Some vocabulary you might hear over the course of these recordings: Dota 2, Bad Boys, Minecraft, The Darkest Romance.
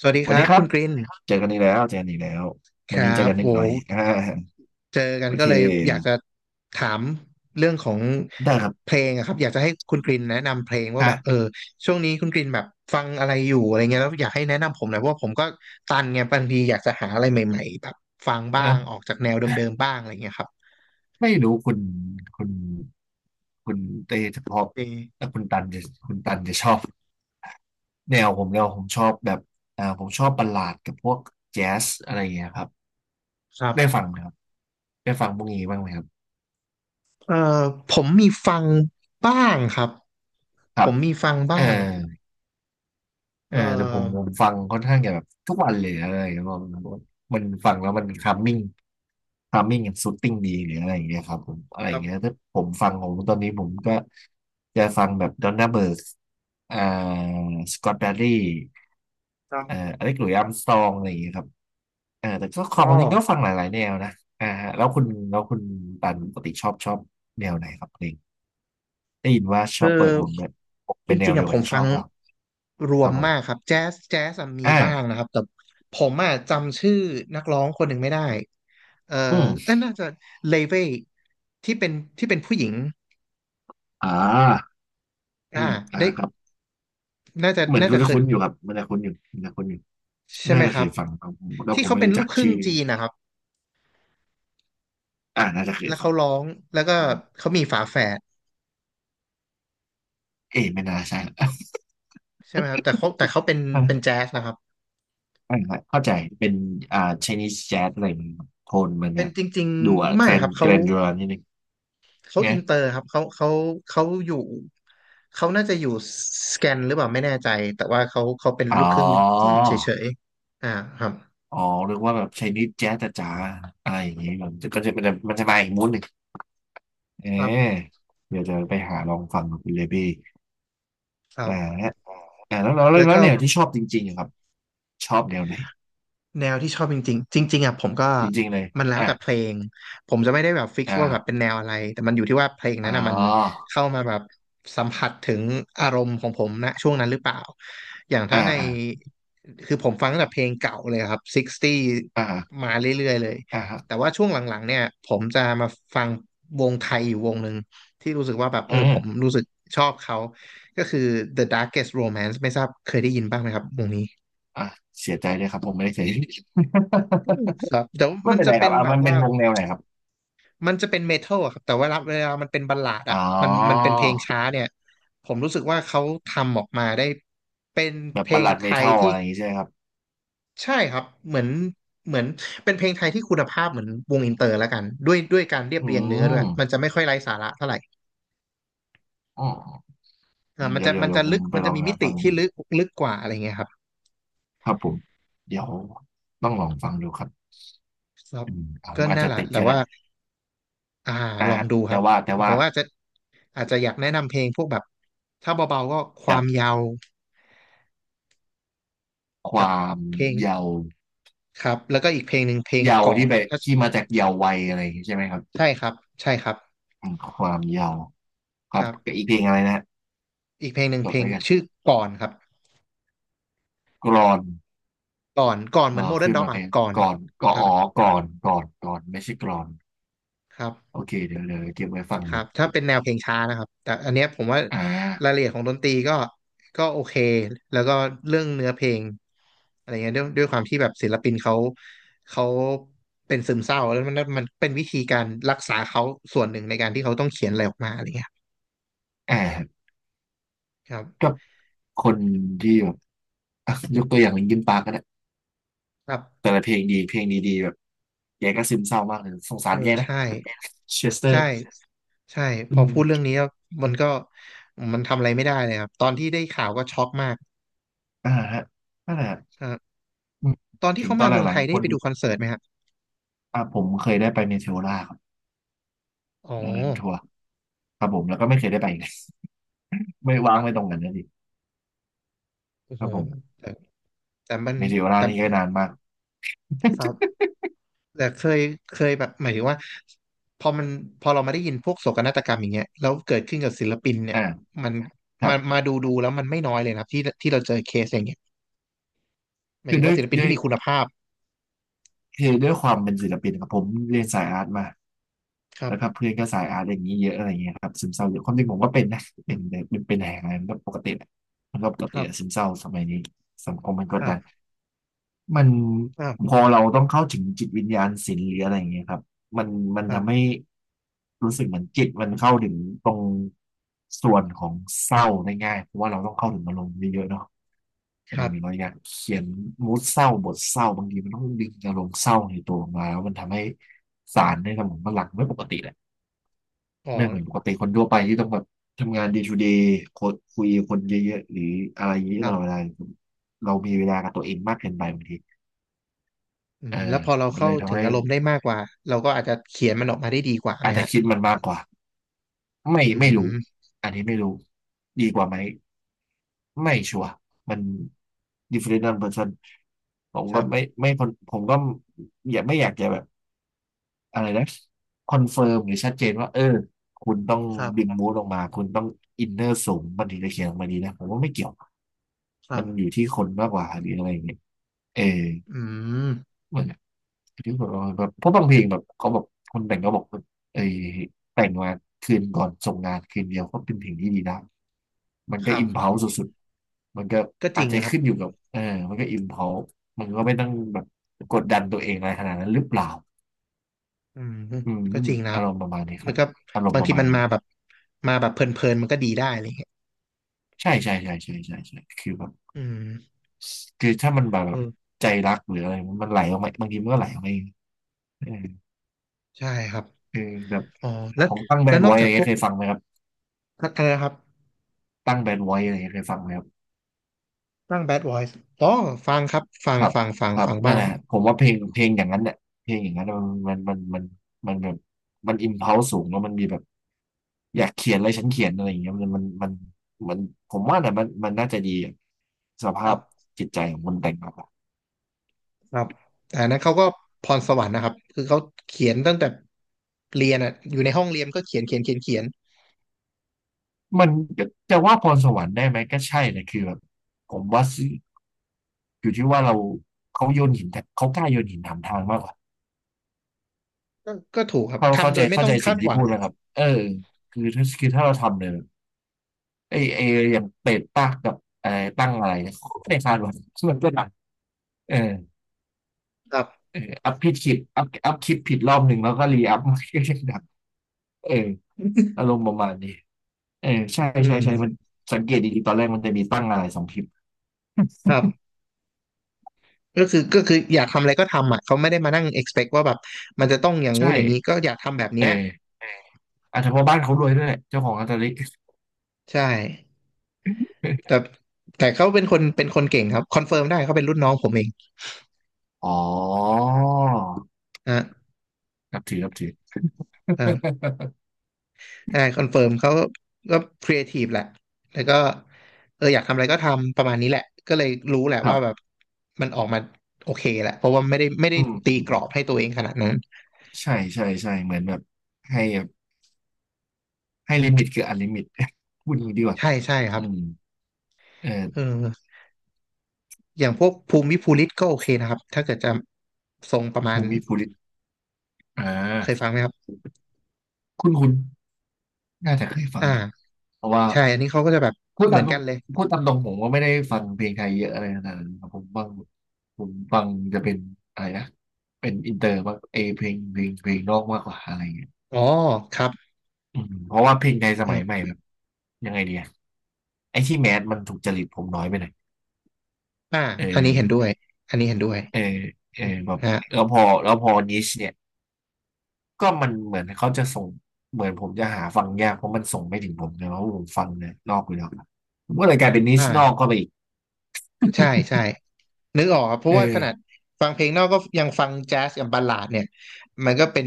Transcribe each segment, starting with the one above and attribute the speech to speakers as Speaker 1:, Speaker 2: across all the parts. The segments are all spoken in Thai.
Speaker 1: สวัสดีค
Speaker 2: วัน
Speaker 1: รั
Speaker 2: นี้
Speaker 1: บ
Speaker 2: ครั
Speaker 1: คุ
Speaker 2: บ
Speaker 1: ณกริน
Speaker 2: เจอกันอีกแล้วเจอกันอีกแล้ว
Speaker 1: ค
Speaker 2: วันนี้
Speaker 1: รั
Speaker 2: เจอ
Speaker 1: บ
Speaker 2: กันนิ
Speaker 1: โห
Speaker 2: ดหน่อย
Speaker 1: เจอกัน
Speaker 2: โอ
Speaker 1: ก็
Speaker 2: เค
Speaker 1: เลยอยากจะถามเรื่องของ
Speaker 2: ได้ครับ
Speaker 1: เพลงอะครับอยากจะให้คุณกรินแนะนำเพลงว่า
Speaker 2: ฮะ
Speaker 1: แบบช่วงนี้คุณกรินแบบฟังอะไรอยู่อะไรเงี้ยแล้วอยากให้แนะนำผมหน่อยเพราะว่าผมก็ตันไงบางทีอยากจะหาอะไรใหม่ๆแบบฟัง
Speaker 2: เอ
Speaker 1: บ้างออ
Speaker 2: อ
Speaker 1: กจากแนวเดิมๆบ้างอะไรเงี้ยครับ
Speaker 2: ไม่รู้คุณคุณเต้จะพอบ
Speaker 1: เอ
Speaker 2: แต่คุณตันจะชอบแนวผมชอบแบบผมชอบบัลลาดกับพวกแจ๊สอะไรอย่างเงี้ยครับ
Speaker 1: ครับ
Speaker 2: ได้ฟังไหมครับได้ฟังพวกนี้บ้างไหมครับ
Speaker 1: เอ่อผมมีฟังบ้างครับ
Speaker 2: ค
Speaker 1: ผ
Speaker 2: รับ
Speaker 1: มมีฟัง
Speaker 2: เออ
Speaker 1: บ้าง
Speaker 2: เออ
Speaker 1: เอ่
Speaker 2: แต่ผมผ
Speaker 1: อ
Speaker 2: มฟังค่อนข้างจะแบบทุกวันเลยอะไรอย่างเงี้ยมันมันฟังแล้วมันคัมมิ่งคัมมิ่งกับซูตติ้งดีหรืออะไรอย่างเงี้ยครับผมอะไร
Speaker 1: ค
Speaker 2: อ
Speaker 1: รั
Speaker 2: ย่าง
Speaker 1: บ
Speaker 2: เงี้ยถ้าผมฟังของตอนนี้ผมก็จะฟังแบบดอนน่าเบิร์กอ่าสกอตแบรดี่
Speaker 1: ครับ
Speaker 2: อเล็กหลุยส์อาร์มสตรองอะไรอย่างเงี้ยครับเออแต่ก็ข
Speaker 1: อ๋
Speaker 2: อ
Speaker 1: อ
Speaker 2: งจริงก็ฟังหลายๆแนวนะอ่าฮะแล้วคุณตันปกติชอบแนวไหนครับเพลงได้ยินว่าช
Speaker 1: คื
Speaker 2: อ
Speaker 1: อ
Speaker 2: บเปิดวงด้วย
Speaker 1: จ
Speaker 2: เป็นแน
Speaker 1: ริ
Speaker 2: ว
Speaker 1: งๆ
Speaker 2: เดีย
Speaker 1: อะ
Speaker 2: ว
Speaker 1: ผ
Speaker 2: กับ
Speaker 1: ม
Speaker 2: ที่ช
Speaker 1: ฟั
Speaker 2: อ
Speaker 1: ง
Speaker 2: บเรา
Speaker 1: ร
Speaker 2: ค
Speaker 1: ว
Speaker 2: รับ
Speaker 1: ม
Speaker 2: ผม
Speaker 1: มากครับแจ๊สแจ๊สอะมีบ้าง
Speaker 2: อ่า
Speaker 1: นะครับแต่ผมอะจำชื่อนักร้องคนหนึ่งไม่ได้เออ
Speaker 2: อื
Speaker 1: เอ้
Speaker 2: ม
Speaker 1: ยน่าจะเลเวที่เป็นที่เป็นผู้หญิง
Speaker 2: อ่า อื
Speaker 1: อ่า
Speaker 2: มอ่า
Speaker 1: ได้
Speaker 2: ครับเหมือน
Speaker 1: น่า
Speaker 2: คุ
Speaker 1: จะ
Speaker 2: ณ
Speaker 1: เค
Speaker 2: จะ
Speaker 1: ย
Speaker 2: คุ้นอยู่ครับมันจะคุ้นอยู่มันจะคุ้นอยู่
Speaker 1: ใช่ไห
Speaker 2: น่า
Speaker 1: ม
Speaker 2: จะ
Speaker 1: ค
Speaker 2: เค
Speaker 1: รับ
Speaker 2: ยฟังครับผมแล้ว
Speaker 1: ที่
Speaker 2: ผม
Speaker 1: เขา
Speaker 2: ไม่
Speaker 1: เป็น
Speaker 2: รู้
Speaker 1: ลู
Speaker 2: จัก
Speaker 1: กครึ่ง
Speaker 2: ชื่อ
Speaker 1: จีนนะครับ
Speaker 2: อ่าน่าจะเคย
Speaker 1: แล้ว
Speaker 2: ฟั
Speaker 1: เขา
Speaker 2: ง
Speaker 1: ร้องแล้วก็
Speaker 2: อืม
Speaker 1: เขามีฝาแฝด
Speaker 2: เอ๊ะไม่น่าใช่ละ อ่ะ
Speaker 1: ใช่ไหมครับแต่เขาเป็นเป็น
Speaker 2: อ่า
Speaker 1: แจ๊สนะครับ
Speaker 2: เข้าใจเป็นอ่า Chinese Jazz อะไรมันโทนมัน
Speaker 1: เป็
Speaker 2: เนี่
Speaker 1: น
Speaker 2: ย
Speaker 1: จริง
Speaker 2: ดูอ่ะ
Speaker 1: ๆ
Speaker 2: แก
Speaker 1: ไม่
Speaker 2: ร
Speaker 1: ค
Speaker 2: น
Speaker 1: รับ
Speaker 2: แก
Speaker 1: เขา
Speaker 2: รนจูรานิดนึง
Speaker 1: เขา
Speaker 2: ไง
Speaker 1: อินเตอร์ครับเขาเขาอยู่เขาน่าจะอยู่สแกนหรือเปล่าไม่แน่ใจแต่ว่าเขาเป็นลู
Speaker 2: อ๋
Speaker 1: กครึ่งจี
Speaker 2: อ
Speaker 1: นเฉยๆอ่าครับ
Speaker 2: อ๋อเรียกว่าแบบ Chinese Jazz จ๋าๆอะไรอย่างงี้มันก็จะมันจะมาอีกมูดหนึ่งเ
Speaker 1: ครับ
Speaker 2: ออเดี๋ยวจะไปหาลองฟังกับคุณเลบี้
Speaker 1: ครั
Speaker 2: อ่า
Speaker 1: บ
Speaker 2: ฮะอ่า
Speaker 1: แล้ว
Speaker 2: แล้ว
Speaker 1: ก็
Speaker 2: แนวที่ชอบจริงๆอะครับชอบแนวไหน
Speaker 1: แนวที่ชอบจริงๆจริงๆอ่ะผมก็
Speaker 2: จริงๆเลย
Speaker 1: มันแล้ว
Speaker 2: อ่ะ
Speaker 1: แต่เพลงผมจะไม่ได้แบบฟิกซ์
Speaker 2: อ่า
Speaker 1: ว่าแบบเป็นแนวอะไรแต่มันอยู่ที่ว่าเพลงนั้
Speaker 2: อ๋
Speaker 1: นอ่ะมัน
Speaker 2: อ
Speaker 1: เข้ามาแบบสัมผัสถึงอารมณ์ของผมนะช่วงนั้นหรือเปล่าอย่างถ้า
Speaker 2: อ่า
Speaker 1: ใน
Speaker 2: อ่า
Speaker 1: คือผมฟังตั้งแต่เพลงเก่าเลยครับ60
Speaker 2: อ่า
Speaker 1: มาเรื่อยๆเลย
Speaker 2: อ่าครับ
Speaker 1: แต่ว่าช่วงหลังๆเนี่ยผมจะมาฟังวงไทยอยู่วงหนึ่งที่รู้สึกว่าแบบเอ
Speaker 2: อื
Speaker 1: อ
Speaker 2: ม
Speaker 1: ผมรู้สึกชอบเขาก็คือ The Darkest Romance ไม่ทราบเคยได้ยินบ้างไหมครับวงนี้
Speaker 2: อ่ะเสียใจด้วยครับผมไม่ได้เสีย
Speaker 1: ครับแต่ว่า
Speaker 2: ไม่
Speaker 1: มัน
Speaker 2: เป็น
Speaker 1: จะ
Speaker 2: ไรค
Speaker 1: เป็
Speaker 2: รับ
Speaker 1: น
Speaker 2: อ่ะ
Speaker 1: แบ
Speaker 2: มั
Speaker 1: บ
Speaker 2: นเป็
Speaker 1: ว่า
Speaker 2: นวงแนวไหนครับ
Speaker 1: มันจะเป็นเมทัลอะครับแต่ว่าเวลามันเป็นบัลลาด
Speaker 2: อ๋
Speaker 1: อะ
Speaker 2: อ
Speaker 1: มันเป็นเพลงช้าเนี่ยผมรู้สึกว่าเขาทำออกมาได้เป็น
Speaker 2: แบ
Speaker 1: เพ
Speaker 2: บ
Speaker 1: ล
Speaker 2: บัล
Speaker 1: ง
Speaker 2: ลัด
Speaker 1: ไท
Speaker 2: เม
Speaker 1: ย
Speaker 2: ทัล
Speaker 1: ที่
Speaker 2: อะไรอย่างงี้ใช่ไหมครับ
Speaker 1: ใช่ครับเหมือนเหมือนเป็นเพลงไทยที่คุณภาพเหมือนวงอินเตอร์แล้วกันด้วยด้วยการเรียบ
Speaker 2: อื
Speaker 1: เรียงเนื้อด้วย
Speaker 2: ม
Speaker 1: มันจะไม่ค่อยไร้สาระเท่าไหร่
Speaker 2: อ๋อ
Speaker 1: อ่ามัน
Speaker 2: เดี๋ย
Speaker 1: จะ
Speaker 2: วผม
Speaker 1: ลึก
Speaker 2: ไป
Speaker 1: มัน
Speaker 2: ล
Speaker 1: จะ
Speaker 2: อง
Speaker 1: มี
Speaker 2: หา
Speaker 1: มิติ
Speaker 2: ฟัง
Speaker 1: ที่
Speaker 2: ดู
Speaker 1: ลึกลึกกว่าอะไรเงี้ยครับ
Speaker 2: ครับผมเดี๋ยวต้องลองฟังดูครับ
Speaker 1: ครับ
Speaker 2: อืมอ่ะผ
Speaker 1: ก็
Speaker 2: มอาจ
Speaker 1: นั่น
Speaker 2: จะ
Speaker 1: แหละ
Speaker 2: ติด
Speaker 1: แต่
Speaker 2: ก็ได้
Speaker 1: ว่า อ่า
Speaker 2: อ่ะ
Speaker 1: ลอง
Speaker 2: ฮะ
Speaker 1: ดูครับ
Speaker 2: แต่
Speaker 1: ผ
Speaker 2: ว่า
Speaker 1: มว่าอาจจะอยากแนะนำเพลงพวกแบบถ้าเบาๆก็ควา
Speaker 2: แบ
Speaker 1: ม
Speaker 2: บ
Speaker 1: ยาว
Speaker 2: ค
Speaker 1: กับ
Speaker 2: วาม
Speaker 1: เพลง
Speaker 2: เยาว์
Speaker 1: ครับแล้วก็อีกเพลงหนึ่งเพลง
Speaker 2: เยาว์
Speaker 1: ก่อ
Speaker 2: ที่
Speaker 1: น
Speaker 2: ไป
Speaker 1: ก็
Speaker 2: ที่มาจากเยาว์วัยอะไรอย่างงี้ใช่ไหมครับ
Speaker 1: ใช่ครับใช่ครับ
Speaker 2: อืมความเยาว์ ค
Speaker 1: ค
Speaker 2: รับ
Speaker 1: รั
Speaker 2: กับ
Speaker 1: บ
Speaker 2: อีกเพลงอะไรนะฮะ
Speaker 1: อีกเพลงหนึ่ง
Speaker 2: จ
Speaker 1: เพ
Speaker 2: ด
Speaker 1: ลง
Speaker 2: ไว้กัน
Speaker 1: ชื่อก่อนครับ
Speaker 2: กรอน
Speaker 1: ก่อนเหมือ
Speaker 2: อ่า
Speaker 1: นโมเดิร์น
Speaker 2: ขึ้น
Speaker 1: ด็อก
Speaker 2: มา
Speaker 1: ค
Speaker 2: เพ
Speaker 1: รั
Speaker 2: ล
Speaker 1: บ
Speaker 2: ง
Speaker 1: ก่อน
Speaker 2: ก่อนก็
Speaker 1: ครับ
Speaker 2: อ๋อก่อน ไม่ใช่กรอน
Speaker 1: ครับ
Speaker 2: โอเค เดี๋ยวเก็บไว้ฟัง
Speaker 1: ครั
Speaker 2: ดู
Speaker 1: บถ้าเป็นแนวเพลงช้านะครับแต่อันเนี้ยผมว่า
Speaker 2: อ่า
Speaker 1: รายละเอียดของดนตรีก็ก็โอเคแล้วก็เรื่องเนื้อเพลงอะไรเงี้ยด้วยด้วยความที่แบบศิลปินเขาเป็นซึมเศร้าแล้วมันเป็นวิธีการรักษาเขาส่วนหนึ่งในการที่เขาต้องเขียนอะไรออกมาอะไรเงี้ย
Speaker 2: อ่า
Speaker 1: ครับ
Speaker 2: ก็คนที่แบบอ่ะยกตัวอย่างลิงคินปาร์กก็ได้
Speaker 1: ครับ
Speaker 2: แต่ละเพลงดีเพลงดีๆแบบแกก็ซึมเศร้ามากเลยสงสา
Speaker 1: เอ
Speaker 2: ร
Speaker 1: อ
Speaker 2: แกนะ
Speaker 1: ใช่
Speaker 2: เชสเตอ
Speaker 1: ใช่
Speaker 2: ร์
Speaker 1: ใช่พ
Speaker 2: อื
Speaker 1: อ
Speaker 2: ม
Speaker 1: พูดเรื่องนี้แล้วมันก็มันทำอะไรไม่ได้เลยครับตอนที่ได้ข่าวก็ช็อกมาก
Speaker 2: อ่าฮะนั่นแหละ
Speaker 1: อ่า
Speaker 2: อืม
Speaker 1: ตอนที่
Speaker 2: ถึง
Speaker 1: เขา
Speaker 2: ตอ
Speaker 1: มา
Speaker 2: น
Speaker 1: เมือง
Speaker 2: หลั
Speaker 1: ไท
Speaker 2: ง
Speaker 1: ย
Speaker 2: ๆค
Speaker 1: ได้
Speaker 2: น
Speaker 1: ไปดูคอนเสิร์ตไหมครับ
Speaker 2: อ่าผมเคยได้ไปเนเทโอล่าครับ
Speaker 1: อ๋อ
Speaker 2: ตอนนั้นทัวร์ครับผมแล้วก็ไม่เคยได้ไปอีก ไม่ว่างไม่ตรงกันนะดิ
Speaker 1: โอ้
Speaker 2: ค
Speaker 1: โห
Speaker 2: รับผม
Speaker 1: แต่มัน
Speaker 2: เนเทโอล่า
Speaker 1: แต่
Speaker 2: นี่ก็นานมาก
Speaker 1: ครับแต่เคยเคยแบบหมายถึงว่าพอมันพอเรามาได้ยินพวกโศกนาฏกรรมอย่างเงี้ยแล้วเกิดขึ้นกับศิลปินเนี่ย
Speaker 2: อ่า
Speaker 1: มัน
Speaker 2: ครั
Speaker 1: มา
Speaker 2: บ
Speaker 1: มาดูดูแล้วมันไม่น้อยเลยนะครับที่เราเจอเคสอย่างเงี้ยหมาย
Speaker 2: คื
Speaker 1: ถึ
Speaker 2: อ
Speaker 1: ง
Speaker 2: ด้ว
Speaker 1: ว่า
Speaker 2: ย
Speaker 1: ศิลปิน
Speaker 2: ด้ว
Speaker 1: ที่
Speaker 2: ย
Speaker 1: มีคุณภาพ
Speaker 2: คือด้วยความเป็นศิลปินครับผมเรียนสายอาร์ตมา
Speaker 1: ครั
Speaker 2: แล้วครับ
Speaker 1: บ
Speaker 2: เพื่อนก็สายอาร์ตอย่างนี้เยอะอะไรเงี้ยครับซึมเศร้าเยอะความจริงผมก็เป็นนะเป็นแหงอะไรมันก็ปกติแหละมันก็ปก
Speaker 1: ค
Speaker 2: ติ
Speaker 1: รั
Speaker 2: อะซึ
Speaker 1: บ
Speaker 2: มเศร้าสมัยนี้สังคมมันก
Speaker 1: ค
Speaker 2: ด
Speaker 1: รั
Speaker 2: ดัน
Speaker 1: บ
Speaker 2: มัน
Speaker 1: ครับ
Speaker 2: พอเราต้องเข้าถึงจิตวิญญาณศิลป์หรืออะไรอย่างเงี้ยครับมันมัน
Speaker 1: ครั
Speaker 2: ทำ
Speaker 1: บ
Speaker 2: ให้รู้สึกเหมือนจิตมันเข้าถึงตรงส่วนของเศร้าได้ง่ายเพราะว่าเราต้องเข้าถึงอารมณ์เยอะๆเนาะ เอ
Speaker 1: ครั
Speaker 2: อเรา
Speaker 1: บ
Speaker 2: อยากเขียนมูดเศร้าบทเศร้าบางทีมันต้องดึงอารมณ์เศร้าในตัวออกมาแล้วมันทำให้สารในสมองมันหลั่งไม่ปกติแหละ
Speaker 1: อ๋อ
Speaker 2: ไม่เหมือนปกติคนทั่วไปที่ต้องแบบทำงาน day to day คนคุยกับคนเยอะๆหรืออะไรเย
Speaker 1: ค
Speaker 2: อะต
Speaker 1: รั
Speaker 2: ลอดเว
Speaker 1: บ
Speaker 2: ลาเรามีเวลากับตัวเองมากเกินไปบางที
Speaker 1: อื
Speaker 2: เอ
Speaker 1: ม
Speaker 2: อ
Speaker 1: แล้วพอเรา
Speaker 2: มัน
Speaker 1: เข้า
Speaker 2: เลย
Speaker 1: ถึ
Speaker 2: ทำ
Speaker 1: ง
Speaker 2: ให้
Speaker 1: อารมณ์ได้มากกว่าเราก็อาจจะเขียนมันออกมาได้ดีกว่าไห
Speaker 2: อา
Speaker 1: ม
Speaker 2: จจะ
Speaker 1: ฮะ
Speaker 2: คิดมันมากกว่าไม่
Speaker 1: อื
Speaker 2: ไม่รู้
Speaker 1: ม
Speaker 2: อันนี้ไม่รู้ดีกว่าไหมไม่ชัวร์มัน different person ผม
Speaker 1: ค
Speaker 2: ก็
Speaker 1: รั
Speaker 2: ไม่
Speaker 1: บ
Speaker 2: ไม่ผมก็อย่าไม่อยากจะแบบ อะไรนะคอนเฟิร์มหรือชัดเจนว่าเออคุณต้อง
Speaker 1: ครั
Speaker 2: ดึง
Speaker 1: บ
Speaker 2: มูดออกมาคุณต้องอินเนอร์สูงมันถึงจะเขียนออกมาดีนะผมว่าไม่เกี่ยว
Speaker 1: ครั
Speaker 2: มันอ
Speaker 1: บ
Speaker 2: ยู่ที่คนมากกว่าหรืออะไรอย่างเงี้ยเออ
Speaker 1: อืม
Speaker 2: เหมือนที่ผมแบบเพราะบางเพลงแบบเขาบอกคนแต่งก็บอกว่าเออแต่งมาคืนก่อนส่งงานคืนเดียวก็เป็นเพลงที่ดีนะมัน
Speaker 1: ค
Speaker 2: ก็
Speaker 1: รั
Speaker 2: อิ
Speaker 1: บ
Speaker 2: มพ l ลสสุดๆมันก็
Speaker 1: ก็จ
Speaker 2: อา
Speaker 1: ริ
Speaker 2: จ
Speaker 1: ง
Speaker 2: จะ
Speaker 1: นะครับ
Speaker 2: ขึ้นอยู่กับเออมันก็อิมพ l ลมันก็ไม่ต้องแบบกดดันตัวเองอะไรขนาดนั้นหรือเปล่า
Speaker 1: อืม
Speaker 2: อืม
Speaker 1: ก็จริงนะค
Speaker 2: อา
Speaker 1: รับ
Speaker 2: รมณ์ประมาณนี้ค
Speaker 1: มั
Speaker 2: รั
Speaker 1: น
Speaker 2: บ
Speaker 1: ก็
Speaker 2: อารม
Speaker 1: บา
Speaker 2: ณ์
Speaker 1: ง
Speaker 2: ป
Speaker 1: ที
Speaker 2: ระมาณ
Speaker 1: มัน
Speaker 2: นี้
Speaker 1: มาแบบมาแบบเพลินๆมันก็ดีได้อะไรเงี้ย
Speaker 2: ใช่ใช่ใช่ใช่ใช่ใช่คือแบบ
Speaker 1: อืม
Speaker 2: คือถ้ามันแบบ
Speaker 1: เอ
Speaker 2: แบบ
Speaker 1: อ
Speaker 2: ใจรักหรืออะไรมันมันไหลออกมาบางทีมันก็ไหลออกมาเองเออ
Speaker 1: ใช่ครับ
Speaker 2: เออแบบ
Speaker 1: อ๋อแล้
Speaker 2: ข
Speaker 1: ว
Speaker 2: องตั้งแบด
Speaker 1: นอก
Speaker 2: ไว้อะ
Speaker 1: จา
Speaker 2: ไร
Speaker 1: กพ
Speaker 2: เงี้
Speaker 1: ว
Speaker 2: ย
Speaker 1: ก
Speaker 2: เคยฟังไหมครับ
Speaker 1: อะไรนะครับ
Speaker 2: ตั้งแบดไว้อะไรเงี้ยเคยฟังไหมครับ
Speaker 1: ฟัง Bad Boys อ๋อฟังครับฟัง
Speaker 2: ครับ
Speaker 1: ฟังฟัง
Speaker 2: ครับ
Speaker 1: ฟัง
Speaker 2: นั่น
Speaker 1: บ้า
Speaker 2: แห
Speaker 1: ง
Speaker 2: ละผมว่าเพลงเพลงอย่างนั้นเนี่ยเพลงอย่างนั้นน่ะมันมันมันมันมันแบบมันอิมพัลสูงแล้วมันมีแบบอยากเขียนอะไรฉันเขียนอะไรอย่างเงี้ยมันมันมันมันผมว่าเนี่ยมันมันน่าจะดีอะส
Speaker 1: ค
Speaker 2: ภา
Speaker 1: รั
Speaker 2: พ
Speaker 1: บ
Speaker 2: จิตใจของคนแต่งแาก่
Speaker 1: ครับแต่อันนั้นเขาก็พรสวรรค์นะครับคือเขาเขียนตั้งแต่เรียนอ่ะอยู่ในห้องเรียนก็เขียน
Speaker 2: มันจะว่าพรสวรรค์ได้ไหมก็ใช่นะคือแบบผมว่า อยู่ที่ว่าเราเขาโยนหินแต่เขากล้าโยนหินถามทางมากกว่า
Speaker 1: ก็ถูกครับ
Speaker 2: เขาเข้า
Speaker 1: ทำโด
Speaker 2: ใจ
Speaker 1: ยไม่
Speaker 2: เข้า
Speaker 1: ต้อง
Speaker 2: ใจ
Speaker 1: คา
Speaker 2: สิ่ง
Speaker 1: ดห
Speaker 2: ที่
Speaker 1: วัง
Speaker 2: พูดไหมครับคือถ้าคือถ้าเราทำเนี่ยไอไออย่างเปรดปากกับไออตั้งอะไรเนี่ยเขาก็ไม่ได้คาดหวังมันก็ดังเออ
Speaker 1: ครับ
Speaker 2: เอออัพผิดคลิปอัพอัพคลิปผิดรอบหนึ่งแล้วก็รีอัพมันก็ยังดัง เอออา รมณ์ประมาณนี้เออใช่
Speaker 1: อื
Speaker 2: ใช่
Speaker 1: ม
Speaker 2: ใช่มันสังเกตดีๆตอนแรกมันจะมีตั้งอะไรสองคลิป
Speaker 1: ครับ ก็คืออยากทำอะไรก็ทำอ่ะเขาไม่ได้มานั่ง expect ว่าแบบมันจะต้องอย่าง
Speaker 2: ใช่
Speaker 1: งู้นอย่างนี้ก็อยากทำแบบ
Speaker 2: เอ
Speaker 1: เนี้ย
Speaker 2: ออาจจะเพราะบ้านเขารวยด้วยแหละเจ้าของอัตลิี
Speaker 1: ใช่แต่ แต่เขาเป็นคนเก่งครับคอนเฟิร์มได้เขาเป็นรุ่นน้องผมเอง
Speaker 2: อ๋อ
Speaker 1: อ่ะ
Speaker 2: นับถือนับถือ
Speaker 1: อ่าได้คอนเฟิร์มเขาก็ครีเอทีฟแหละแล้วก็อยากทำอะไรก็ทำประมาณนี้แหละก็เลยรู้แหละ
Speaker 2: ครั
Speaker 1: ว่าแบบ
Speaker 2: บ
Speaker 1: มันออกมาโอเคแหละเพราะว่าไม่ได้
Speaker 2: อืม
Speaker 1: ตีกรอบ
Speaker 2: อ
Speaker 1: ให้ตัวเองขนาดนั้น
Speaker 2: ใช่ใช่ใช่เหมือนแบบให้แบบให้ลิมิตคืออันลิมิต พูดอย่างนี้ดีกว่า
Speaker 1: ใช่ใช่ครับ
Speaker 2: อืมเอ
Speaker 1: เอ
Speaker 2: อ
Speaker 1: ออย่างพวกภูมิภูริตก็โอเคนะครับถ้าเกิดจะทรงประมาณ
Speaker 2: ภูมิภูริตอ่
Speaker 1: เคยฟั
Speaker 2: า
Speaker 1: งไหมครับ
Speaker 2: คุณคุณน่าจะเคยฟังเลย
Speaker 1: อ่า
Speaker 2: เพราะว่า
Speaker 1: ใช่อันนี้เขาก็จะแบบ
Speaker 2: พูด
Speaker 1: เหมื
Speaker 2: ตา
Speaker 1: อ
Speaker 2: ม
Speaker 1: น
Speaker 2: ตร
Speaker 1: กั
Speaker 2: ง
Speaker 1: นเลย
Speaker 2: พูดตามตรงผมว่าไม่ได้ฟังเพลงไทยเยอะอะไรขนาดนั้นครับผมฟังผมฟังจะเป็นอะไรนะเป็นอินเตอร์มากเออเพลงเพลงเพลงนอกมากกว่าอะไรเงี้ย
Speaker 1: อ๋อครับ
Speaker 2: อืมเพราะว่าเพลงไทยส
Speaker 1: ค
Speaker 2: มั
Speaker 1: รั
Speaker 2: ยใหม่
Speaker 1: บ
Speaker 2: แบบยังไงดีอะไอ้ที่แมสมันถูกจริตผมน้อยไปหน่อย
Speaker 1: อ่า
Speaker 2: เ
Speaker 1: อันนี้เห็น
Speaker 2: ออ
Speaker 1: ด้วยอันนี้เห็นด้วย
Speaker 2: เออเออแบบ
Speaker 1: ฮะ
Speaker 2: แล้วพอแล้วพอนิชเนี่ยก็มันเหมือนเขาจะส่งเหมือนผมจะหาฟังยากเพราะมันส่งไม่ถึงผมนะเพราะผมฟังเนี่ยนอกอยู่แล้วผมก็เลยกลายเป็นนิ
Speaker 1: อ่
Speaker 2: ชนอก
Speaker 1: า
Speaker 2: ก็ไปอีก
Speaker 1: ใช่ใช่นึกออกอะเพ
Speaker 2: เอ
Speaker 1: ราะว่าขนา
Speaker 2: อ
Speaker 1: ดฟังเพลงนอกก็ยังฟังแจ๊สกับบัลลาดเนี่ยมันก็เป็น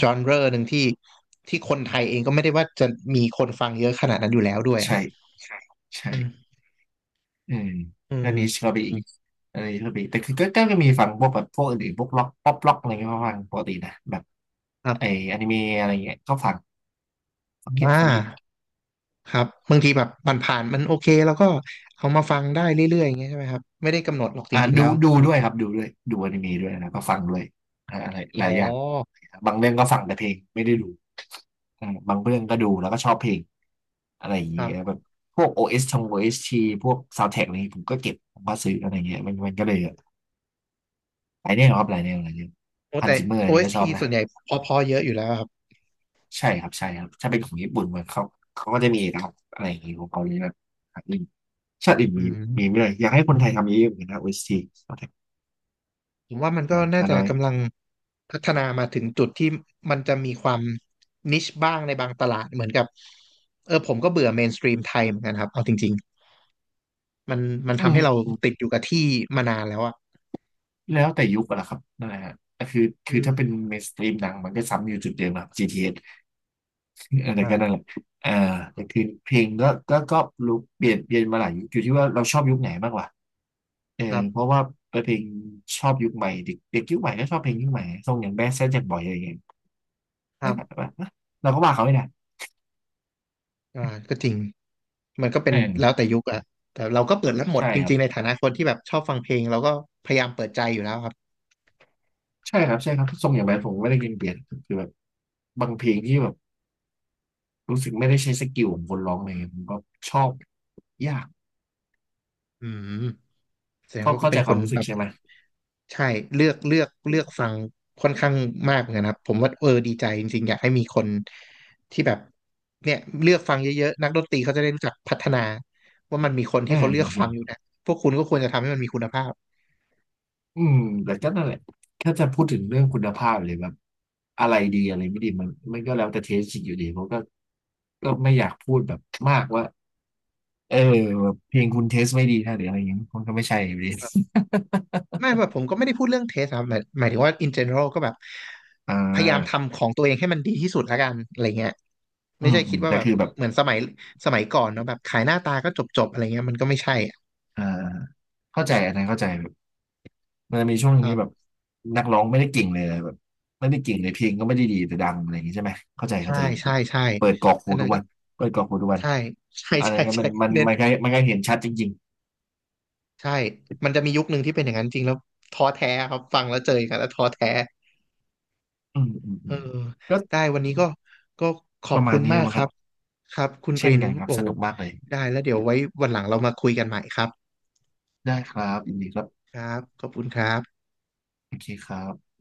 Speaker 1: จอนเรอหนึ่งที่ที่คนไทยเองก็ไม่ได้ว่าจะมีคนฟังเยอะขนาดนั้นอยู่แล้วด้วยอะ
Speaker 2: ใช่ใช่
Speaker 1: อืม
Speaker 2: เออ
Speaker 1: อื
Speaker 2: แล้ว
Speaker 1: ม
Speaker 2: นิชก็ไปอีกอันนี้ก็ไปอีกแต่คือก็ก็ก็มีฟังพวกแบบพวกอื่นๆพวกล็อกป๊อปล็อกอะไรเงี้ยก็ฟังปกตินะแบบ
Speaker 1: ครั
Speaker 2: ไอ
Speaker 1: บ
Speaker 2: อนิเมะอะไรเงี้ยก็ฟังฟังเยอะ
Speaker 1: อ่า
Speaker 2: ฟังเยอะ
Speaker 1: ครับบางทีแบบมันผ่านมันโอเคแล้วก็เอามาฟังได้เรื่อยๆอย่างเงี้ยใช่ไหมครับไม่ได้กำหนดหรอกจ
Speaker 2: อ่า
Speaker 1: ริงๆ
Speaker 2: ดู
Speaker 1: แล้ว
Speaker 2: ดูด้วยครับดูด้วยดูอนิเมะด้วยนะก็ฟังด้วยอ่าอะไรห
Speaker 1: อ๋อ
Speaker 2: ลายอย่างบางเรื่องก็ฟังแต่เพลงไม่ได้ดู อ่าบางเรื่องก็ดูแล้วก็ชอบเพลงอะไรอย่าง
Speaker 1: ค
Speaker 2: เงี้
Speaker 1: รั
Speaker 2: ยแบ
Speaker 1: บ
Speaker 2: บพวก OS ชงโอเอส s t พวกซาว n d t ท a c k อะไรอย่างเงี้ยผมก็เก็บผมก็ซื้ออะไรเงี้ยมันมันก็เลยหลายแนวครับหลายแนวหลายแนว
Speaker 1: โอ้
Speaker 2: ฮัน
Speaker 1: แต่
Speaker 2: ซิเมอร์อันนี้ก็ชอ
Speaker 1: OST ส
Speaker 2: บ
Speaker 1: ที
Speaker 2: นะ
Speaker 1: ส่วนใหญ่เพอๆเยอะอยู่แล้วครับ
Speaker 2: ใช่ครับใช่ครับถ้าเป็นของญี่ปุ่นมันเขาเขาก็จะมีนะครับอะไรอย่างเงี้ยของเกาหลีแบบอื่ชาติอื่น
Speaker 1: อื
Speaker 2: มีมี
Speaker 1: ม
Speaker 2: ไม่เลยอยากให้คนไทยทำเยอะๆเหมือนกันนะ OST ซาวดท็ก
Speaker 1: ผมว่ามันก็
Speaker 2: อ่า
Speaker 1: น่า
Speaker 2: ฮา
Speaker 1: จะ
Speaker 2: นอย
Speaker 1: กำลังพัฒนามาถึงจุดที่มันจะมีความนิชบ้างในบางตลาดเหมือนกับผมก็เบื่อเมนสตรีมไทยเหมือนกันครับเอาจริงๆมัน
Speaker 2: อื
Speaker 1: ทำ
Speaker 2: ม
Speaker 1: ให้เรา
Speaker 2: อืม
Speaker 1: ติดอยู่กับที่มานานแล้วอ่ะ
Speaker 2: แล้วแต่ยุคอะนะครับนั่นแหละฮะแต่คือ
Speaker 1: อื
Speaker 2: คือถ้าเป็น
Speaker 1: ม
Speaker 2: เมนสตรีมหนังมันก็ซ้ำอยู่จุดเดิมนะครับจีทีเอส อะไรก็นั่นแหละ
Speaker 1: อ่า
Speaker 2: อ่าแต่คือเพลงก็ก็ก็รู้เปลี่ยนเปลี่ยนมาหลายยุคอยู่ที่ว่าเราชอบยุคไหนมากกว่าเออ
Speaker 1: ครั
Speaker 2: เพราะ
Speaker 1: บ
Speaker 2: ว่าเพลงชอบยุคใหม่เด็กเด็กยุคใหม่ก็ชอบเพลงยุคใหม่ทรงอย่างแบดแซดแจ็คบอยอะไรอย่างเงี้ย
Speaker 1: ครั
Speaker 2: แบบ
Speaker 1: บ
Speaker 2: ว่าะเราก็ว่าเขาไม่ได้
Speaker 1: อ่าก็จริง มันก็เป็
Speaker 2: เอ
Speaker 1: น
Speaker 2: อ
Speaker 1: แล้วแต่ยุคอะแต่เราก็เปิดรับหมด
Speaker 2: ใช่
Speaker 1: จ
Speaker 2: ครั
Speaker 1: ริ
Speaker 2: บ
Speaker 1: งๆในฐานะคนที่แบบชอบฟังเพลงเราก็พยายามเปิดใจอยู่แล้วครับ
Speaker 2: ใช่ครับใช่ครับทรงอย่างแบดผมไม่ได้ยินเปลี่ยนคือแบบบางเพลงที่แบบรู้สึกไม่ได้ใช้สกิลของคนร้องเลยผมก็ชอบยาก
Speaker 1: อืมแสดง
Speaker 2: ก็
Speaker 1: ว่าก็
Speaker 2: เข้า
Speaker 1: เป็
Speaker 2: ใจ
Speaker 1: น
Speaker 2: ค
Speaker 1: ค
Speaker 2: วาม
Speaker 1: น
Speaker 2: รู้สึ
Speaker 1: แบ
Speaker 2: ก
Speaker 1: บ
Speaker 2: ใช่ไหม
Speaker 1: ใช่เลือกฟังค่อนข้างมากเหมือนกันครับผมว่าดีใจจริงๆอยากให้มีคนที่แบบเนี่ยเลือกฟังเยอะๆนักดนตรีเขาจะได้รู้จักพัฒนาว่ามันมีคน
Speaker 2: เอ
Speaker 1: ที่เขาเลือกฟังอยู่
Speaker 2: อ
Speaker 1: นะพวกคุณก็ควรจะทำให้มันมีคุณภาพ
Speaker 2: อืมแต่ก็นั่นแหละถ้าจะพูดถึงเรื่องคุณภาพเลยแบบอะไรดีอะไรไม่ดีมันมันก็แล้วแต่เทสอีกอยู่ดีเพราะก็ก็ไม่อยากพูดแบบมากว่าเออแบบเพลงคุณเทสไม่ดีนะหรืออะไรอย่างเงี้ยมันก็ไม่ใช่ อยู่ดี
Speaker 1: ไม่แบบผมก็ไม่ได้พูดเรื่องเทสครับหมายถึงว่า in general ก็แบบ
Speaker 2: อ่า
Speaker 1: พยายามทำของตัวเองให้มันดีที่สุดละกันอะไรเงี้ย
Speaker 2: อื
Speaker 1: ไม่
Speaker 2: ม
Speaker 1: ใช่
Speaker 2: อื
Speaker 1: คิด
Speaker 2: ม
Speaker 1: ว่า
Speaker 2: แต่
Speaker 1: แบบ
Speaker 2: คือแบบ
Speaker 1: เหมือนสมัยก่อนเนาะแบบขายหน้าตาก็จบๆอะไรเงี้ยมันก็ไม่ใช่
Speaker 2: อ่าเข้าใจอันนั้นเข้าใจแบบมันจะมีช่วงหนึงที่แบบ
Speaker 1: อะ
Speaker 2: นักร้องไม่ได้เก่งเลยแบบไม่ได้เก่งเลยเพลงก็ไม่ได้ดีแต่ดังอะไรอย่างงี้ใช่ไหมเข้าใจ
Speaker 1: ใช่
Speaker 2: เข้าใจแบ
Speaker 1: ใช่
Speaker 2: บ
Speaker 1: ใช่
Speaker 2: เปิดกรอก
Speaker 1: อั
Speaker 2: หู
Speaker 1: นนั้
Speaker 2: ทุ
Speaker 1: น
Speaker 2: ก
Speaker 1: ก็
Speaker 2: วันเปิดกรอกหูทุกวัน
Speaker 1: ใช่ใช่
Speaker 2: อันนั้
Speaker 1: ใช่
Speaker 2: นก็มั
Speaker 1: ใช่
Speaker 2: นมัน
Speaker 1: เน้น
Speaker 2: มันก็มันก็เห็นชัดจริงๆ
Speaker 1: ใช่มันจะมียุคหนึ่งที่เป็นอย่างนั้นจริงแล้วท้อแท้ครับฟังแล้วเจอกันแล้วท้อแท้
Speaker 2: อืมอืม
Speaker 1: เอ
Speaker 2: อื
Speaker 1: อ
Speaker 2: มก็
Speaker 1: ได้วันนี้ก็ก็ขอ
Speaker 2: ป
Speaker 1: บ
Speaker 2: ระมา
Speaker 1: คุ
Speaker 2: ณ
Speaker 1: ณ
Speaker 2: นี้
Speaker 1: มากค
Speaker 2: นะค
Speaker 1: รั
Speaker 2: รับ
Speaker 1: บครับคุณก
Speaker 2: เช่
Speaker 1: ริ
Speaker 2: น
Speaker 1: น
Speaker 2: กันครับ
Speaker 1: โอ้
Speaker 2: ส
Speaker 1: โห
Speaker 2: นุกมากเลย
Speaker 1: ได้แล้วเดี๋ยวไว้วันหลังเรามาคุยกันใหม่ครับ
Speaker 2: ได้ครับยินดีครับ
Speaker 1: ครับขอบคุณครับ
Speaker 2: โอเคครับ